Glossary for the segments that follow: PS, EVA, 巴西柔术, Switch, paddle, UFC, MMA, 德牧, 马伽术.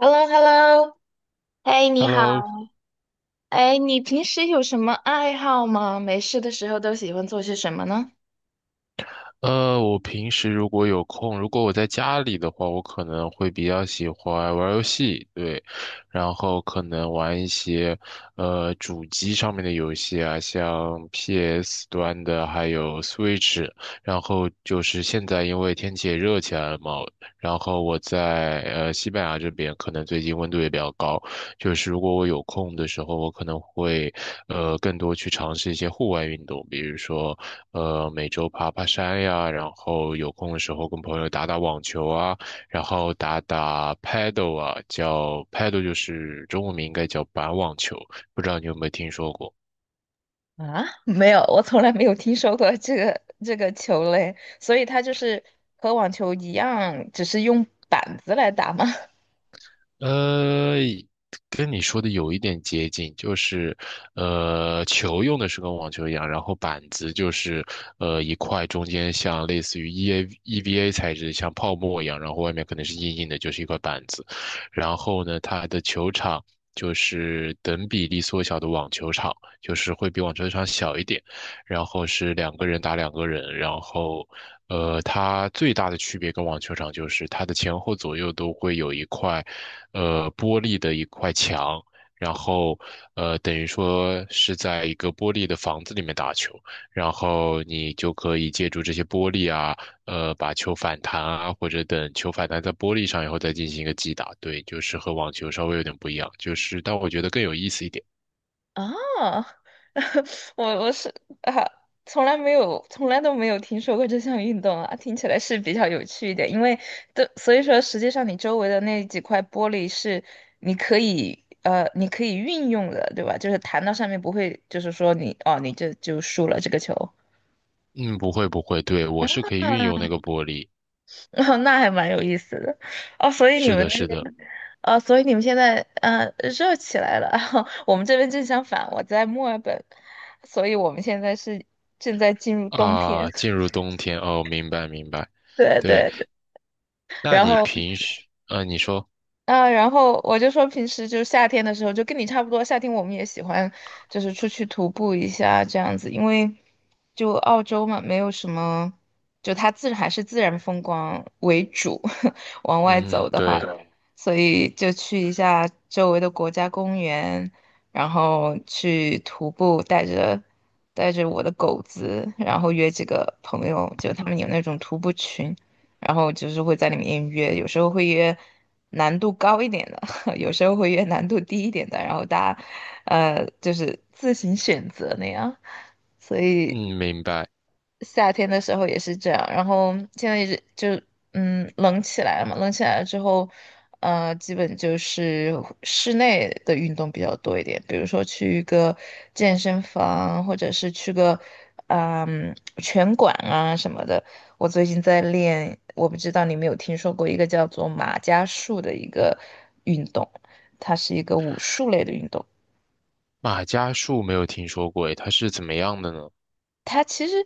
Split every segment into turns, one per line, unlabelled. h e l l o h e l l o 嘿，你好。
Hello,
哎，你平时有什么爱好吗？没事的时候都喜欢做些什么呢？
我平时如果有空，如果我在家里的话，我可能会比较喜欢玩游戏，对，然后可能玩一些主机上面的游戏啊，像 PS 端的，还有 Switch,然后就是现在因为天气也热起来了嘛，然后我在西班牙这边，可能最近温度也比较高，就是如果我有空的时候，我可能会更多去尝试一些户外运动，比如说每周爬爬山呀，然后有空的时候跟朋友打打网球啊，然后打打 paddle 啊，叫 paddle 就是中文名应该叫板网球，不知道你有没有听说过？
啊，没有，我从来没有听说过这个球类，所以它就是和网球一样，只是用板子来打吗？
呃，跟你说的有一点接近，就是，球用的是跟网球一样，然后板子就是，一块中间像类似于 EVA 材质，像泡沫一样，然后外面可能是硬硬的，就是一块板子。然后呢，它的球场就是等比例缩小的网球场，就是会比网球场小一点。然后是两个人打两个人，然后，它最大的区别跟网球场就是它的前后左右都会有一块。玻璃的一块墙，然后等于说是在一个玻璃的房子里面打球，然后你就可以借助这些玻璃啊，把球反弹啊，或者等球反弹在玻璃上以后再进行一个击打。对，就是和网球稍微有点不一样，就是但我觉得更有意思一点。
啊，我啊，从来没有，从来都没有听说过这项运动啊，听起来是比较有趣一点，因为都所以说，实际上你周围的那几块玻璃是你可以运用的，对吧？就是弹到上面不会，就是说你你这就输了这个球。
嗯，不会不会，对，我是可以运用那个玻璃。
哦，那还蛮有意思的哦。所以你
是
们
的，
那
是的。
边，所以你们现在热起来了。我们这边正相反，我在墨尔本，所以我们现在是正在进入冬天。
啊，进 入冬天哦，明白明白。
对
对，
对对，
那
然
你
后
平时，你说，
我就说平时就是夏天的时候，就跟你差不多，夏天我们也喜欢就是出去徒步一下这样子，因为就澳洲嘛，没有什么，就它还是自然风光为主，往外
嗯，
走的话，
对。
所以就去一下周围的国家公园，然后去徒步，带着我的狗子，然后约几个朋友，就他们有那种徒步群。然后就是会在里面约，有时候会约难度高一点的，有时候会约难度低一点的，然后大家就是自行选择那样，所以。
嗯，明白。
夏天的时候也是这样，然后现在一直就冷起来了嘛，冷起来了之后，基本就是室内的运动比较多一点，比如说去一个健身房，或者是去个拳馆啊什么的。我最近在练，我不知道你有没有听说过一个叫做马伽术的一个运动，它是一个武术类的运动。
马伽术没有听说过，诶，它是怎么样的呢？
它其实，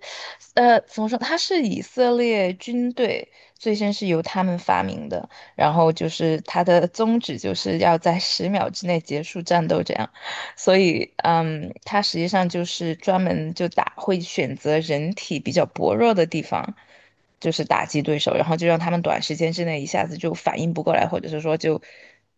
怎么说？它是以色列军队最先是由他们发明的，然后就是它的宗旨就是要在十秒之内结束战斗，这样。所以，嗯，它实际上就是专门就打，会选择人体比较薄弱的地方，就是打击对手，然后就让他们短时间之内一下子就反应不过来，或者是说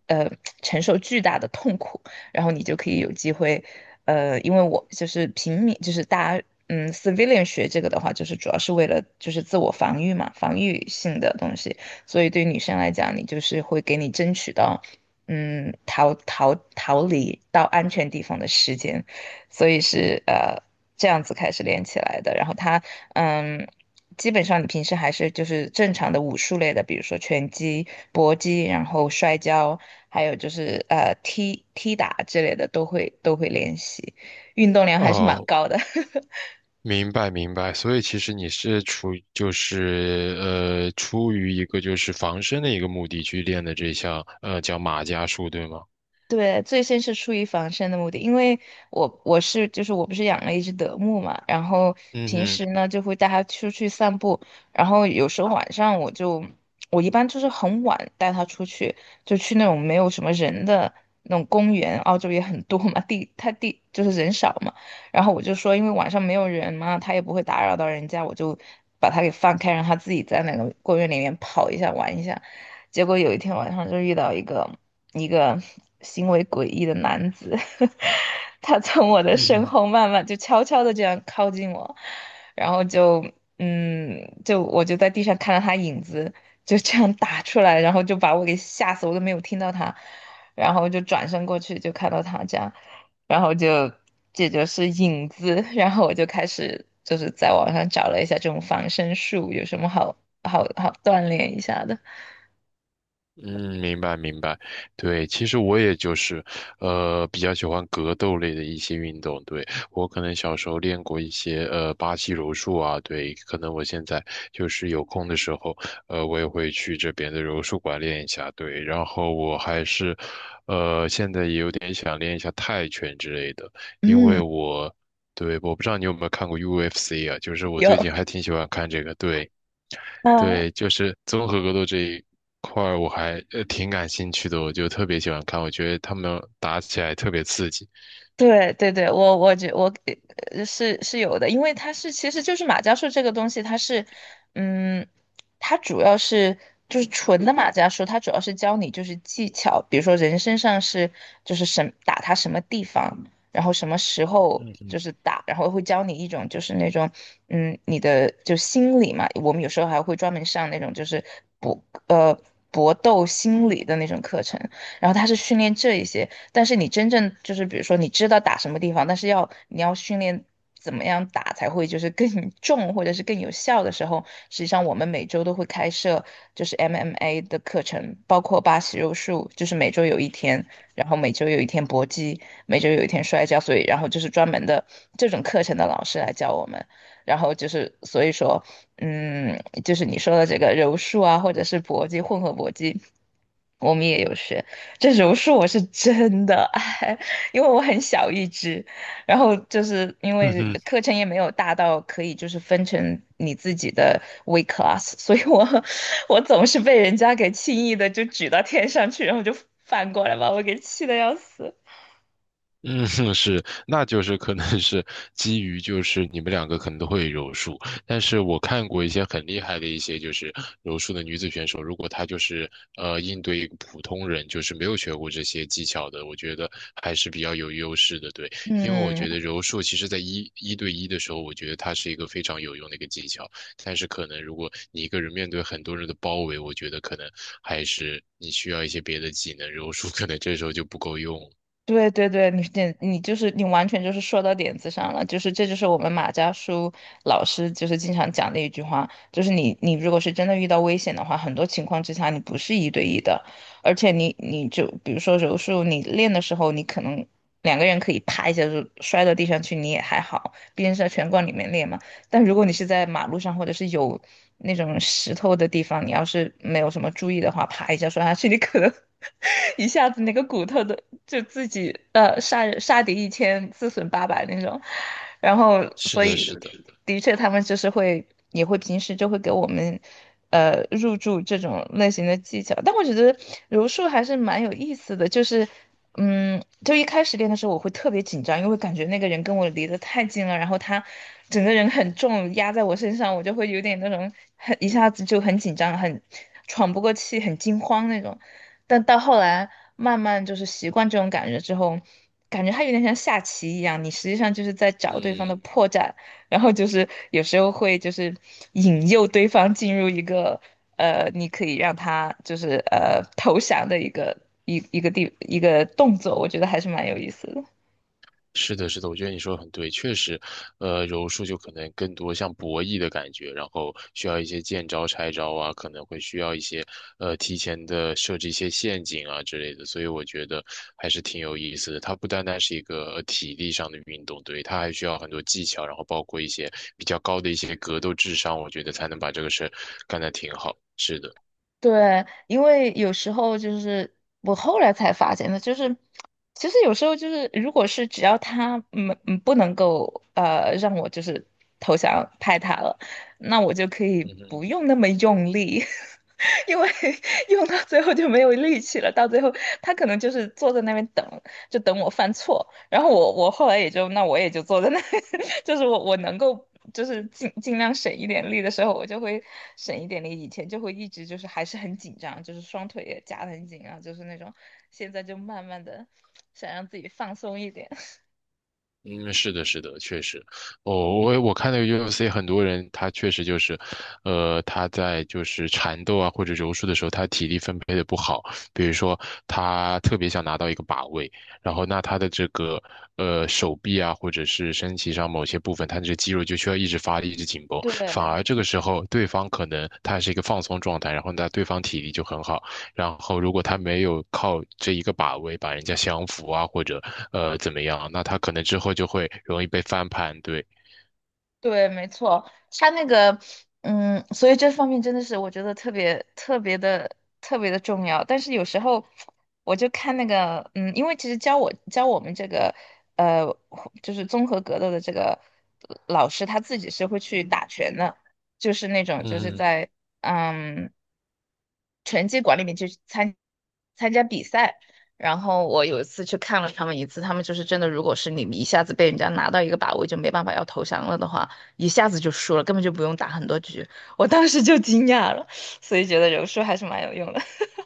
呃，承受巨大的痛苦。然后你就可以有机会，因为我就是平民，就是大家。嗯，civilian 学这个的话，就是主要是为了就是自我防御嘛，防御性的东西。所以对于女生来讲，你就是会给你争取到，嗯，逃离到安全地方的时间。所以是这样子开始连起来的。然后它，嗯。基本上你平时还是就是正常的武术类的，比如说拳击、搏击，然后摔跤，还有就是踢踢打之类的都会练习，运动量还是蛮
哦，
高的。
明白明白。所以其实你是出于就是出于一个就是防身的一个目的去练的这项叫马伽术，对吗？
对，最先是出于防身的目的，因为我不是养了一只德牧嘛，然后
嗯
平
哼。
时呢就会带它出去散步，然后有时候晚上我就我一般就是很晚带它出去，就去那种没有什么人的那种公园，澳洲也很多嘛，地它地就是人少嘛，然后我就说因为晚上没有人嘛，它也不会打扰到人家，我就把它给放开，让它自己在那个公园里面跑一下玩一下。结果有一天晚上就遇到一个行为诡异的男子，他从我的
嗯
身
哼。
后慢慢就悄悄的这样靠近我，然后就嗯，就我就在地上看到他影子就这样打出来，然后就把我给吓死，我都没有听到他，然后就转身过去就看到他这样，然后就这就是影子，然后我就开始就是在网上找了一下这种防身术有什么好好锻炼一下的，
嗯，明白明白，对，其实我也就是，比较喜欢格斗类的一些运动。对，我可能小时候练过一些，巴西柔术啊，对，可能我现在就是有空的时候，我也会去这边的柔术馆练一下。对，然后我还是，现在也有点想练一下泰拳之类的，因为
嗯。
我，对，我不知道你有没有看过 UFC 啊，就是我
有
最近还挺喜欢看这个，对。
啊，
对，就是综合格斗这一块儿我还挺感兴趣的，我就特别喜欢看，我觉得他们打起来特别刺激。
对对对，我是有的，因为它是其实就是马伽术这个东西，它是嗯，它主要是就是纯的马伽术，它主要是教你就是技巧，比如说人身上是就是什么打它什么地方，然后什么时候
嗯嗯，
就是打，然后会教你一种就是那种嗯你的就心理嘛，我们有时候还会专门上那种就是搏呃搏斗心理的那种课程。然后他是训练这一些，但是你真正就是比如说你知道打什么地方，但是要你要训练怎么样打才会就是更重或者是更有效的时候，实际上我们每周都会开设就是 MMA 的课程，包括巴西柔术，就是每周有一天，然后每周有一天搏击，每周有一天摔跤，所以然后就是专门的这种课程的老师来教我们。然后就是，所以说，嗯，就是你说的这个柔术啊，或者是搏击，混合搏击，我们也有学。这柔术我是真的爱，因为我很小一只，然后就是因
嗯
为
哼。
课程也没有大到可以就是分成你自己的 w e class，所以我 我总是被人家给轻易的就举到天上去，然后就翻过来把我给气得要死。
嗯，是，那就是可能是基于就是你们两个可能都会柔术，但是我看过一些很厉害的一些就是柔术的女子选手，如果她就是应对一个普通人，就是没有学过这些技巧的，我觉得还是比较有优势的，对，因为我
嗯，
觉得柔术其实在一对一的时候，我觉得它是一个非常有用的一个技巧，但是可能如果你一个人面对很多人的包围，我觉得可能还是你需要一些别的技能，柔术可能这时候就不够用了。
对对对，你完全就是说到点子上了，就是这就是我们马家书老师就是经常讲的一句话，就是你如果是真的遇到危险的话，很多情况之下你不是一对一的，而且你就比如说柔术，你练的时候你可能两个人可以啪一下就摔到地上去，你也还好，毕竟是在拳馆里面练嘛。但如果你是在马路上或者是有那种石头的地方，你要是没有什么注意的话，啪一下摔下去，你可能 一下子那个骨头都就自己杀人杀敌一千自损八百那种，然后
是
所
的，
以
是的。
是，的确他们就是会也会平时就会给我们入驻这种类型的技巧，但我觉得柔术还是蛮有意思的，就是就一开始练的时候我会特别紧张，因为感觉那个人跟我离得太近了，然后他整个人很重压在我身上，我就会有点那种很一下子就很紧张，很喘不过气，很惊慌那种。但到后来慢慢就是习惯这种感觉之后，感觉它有点像下棋一样，你实际上就是在找对方的
嗯，
破绽，然后就是有时候会就是引诱对方进入一个你可以让他就是投降的一个一一个地一个动作，我觉得还是蛮有意思的。
是的，是的，我觉得你说的很对，确实，柔术就可能更多像博弈的感觉，然后需要一些见招拆招啊，可能会需要一些提前的设置一些陷阱啊之类的，所以我觉得还是挺有意思的。它不单单是一个体力上的运动，对，它还需要很多技巧，然后包括一些比较高的一些格斗智商，我觉得才能把这个事干得挺好。是的。
对，因为有时候就是我后来才发现的，就是其实有时候就是，如果是只要他不能够让我就是投降派他了，那我就可以
嗯哼。
不用那么用力。因为 用到最后就没有力气了，到最后他可能就是坐在那边等，就等我犯错。然后我后来也就那我也就坐在那里 就是我能够就是尽量省一点力的时候，我就会省一点力。以前就会一直就是还是很紧张，就是双腿也夹得很紧啊，就是那种。现在就慢慢的想让自己放松一点。
嗯，是的，是的，确实，哦，我看那个 UFC 很多人，他确实就是，他在就是缠斗啊或者柔术的时候，他体力分配的不好，比如说他特别想拿到一个把位，然后那他的这个手臂啊或者是身体上某些部分，他这肌肉就需要一直发力，一直紧绷，
对，
反而这个时候对方可能他是一个放松状态，然后那对方体力就很好，然后，如果他没有靠这一个把位把人家降服啊，或者怎么样，那他可能之后就会容易被翻盘。对，
对，没错，他那个，所以这方面真的是我觉得特别特别的特别的重要。但是有时候我就看那个，嗯，因为其实教我们这个，呃，就是综合格斗的这个老师，他自己是会去打拳的，就是那种就是
嗯
在嗯参加比赛，然后我有一次去看了他们一次，他们就是真的，如果是你们一下子被人家拿到一个把位就没办法要投降了的话，一下子就输了，根本就不用打很多局。我当时就惊讶了，所以觉得柔术还是蛮有用的。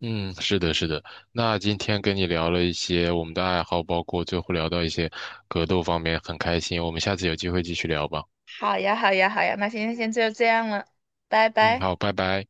嗯，是的，是的。那今天跟你聊了一些我们的爱好，包括最后聊到一些格斗方面，很开心。我们下次有机会继续聊吧。
好呀，好呀，好呀，那今天先就这样了，拜
嗯，
拜。
好，拜拜。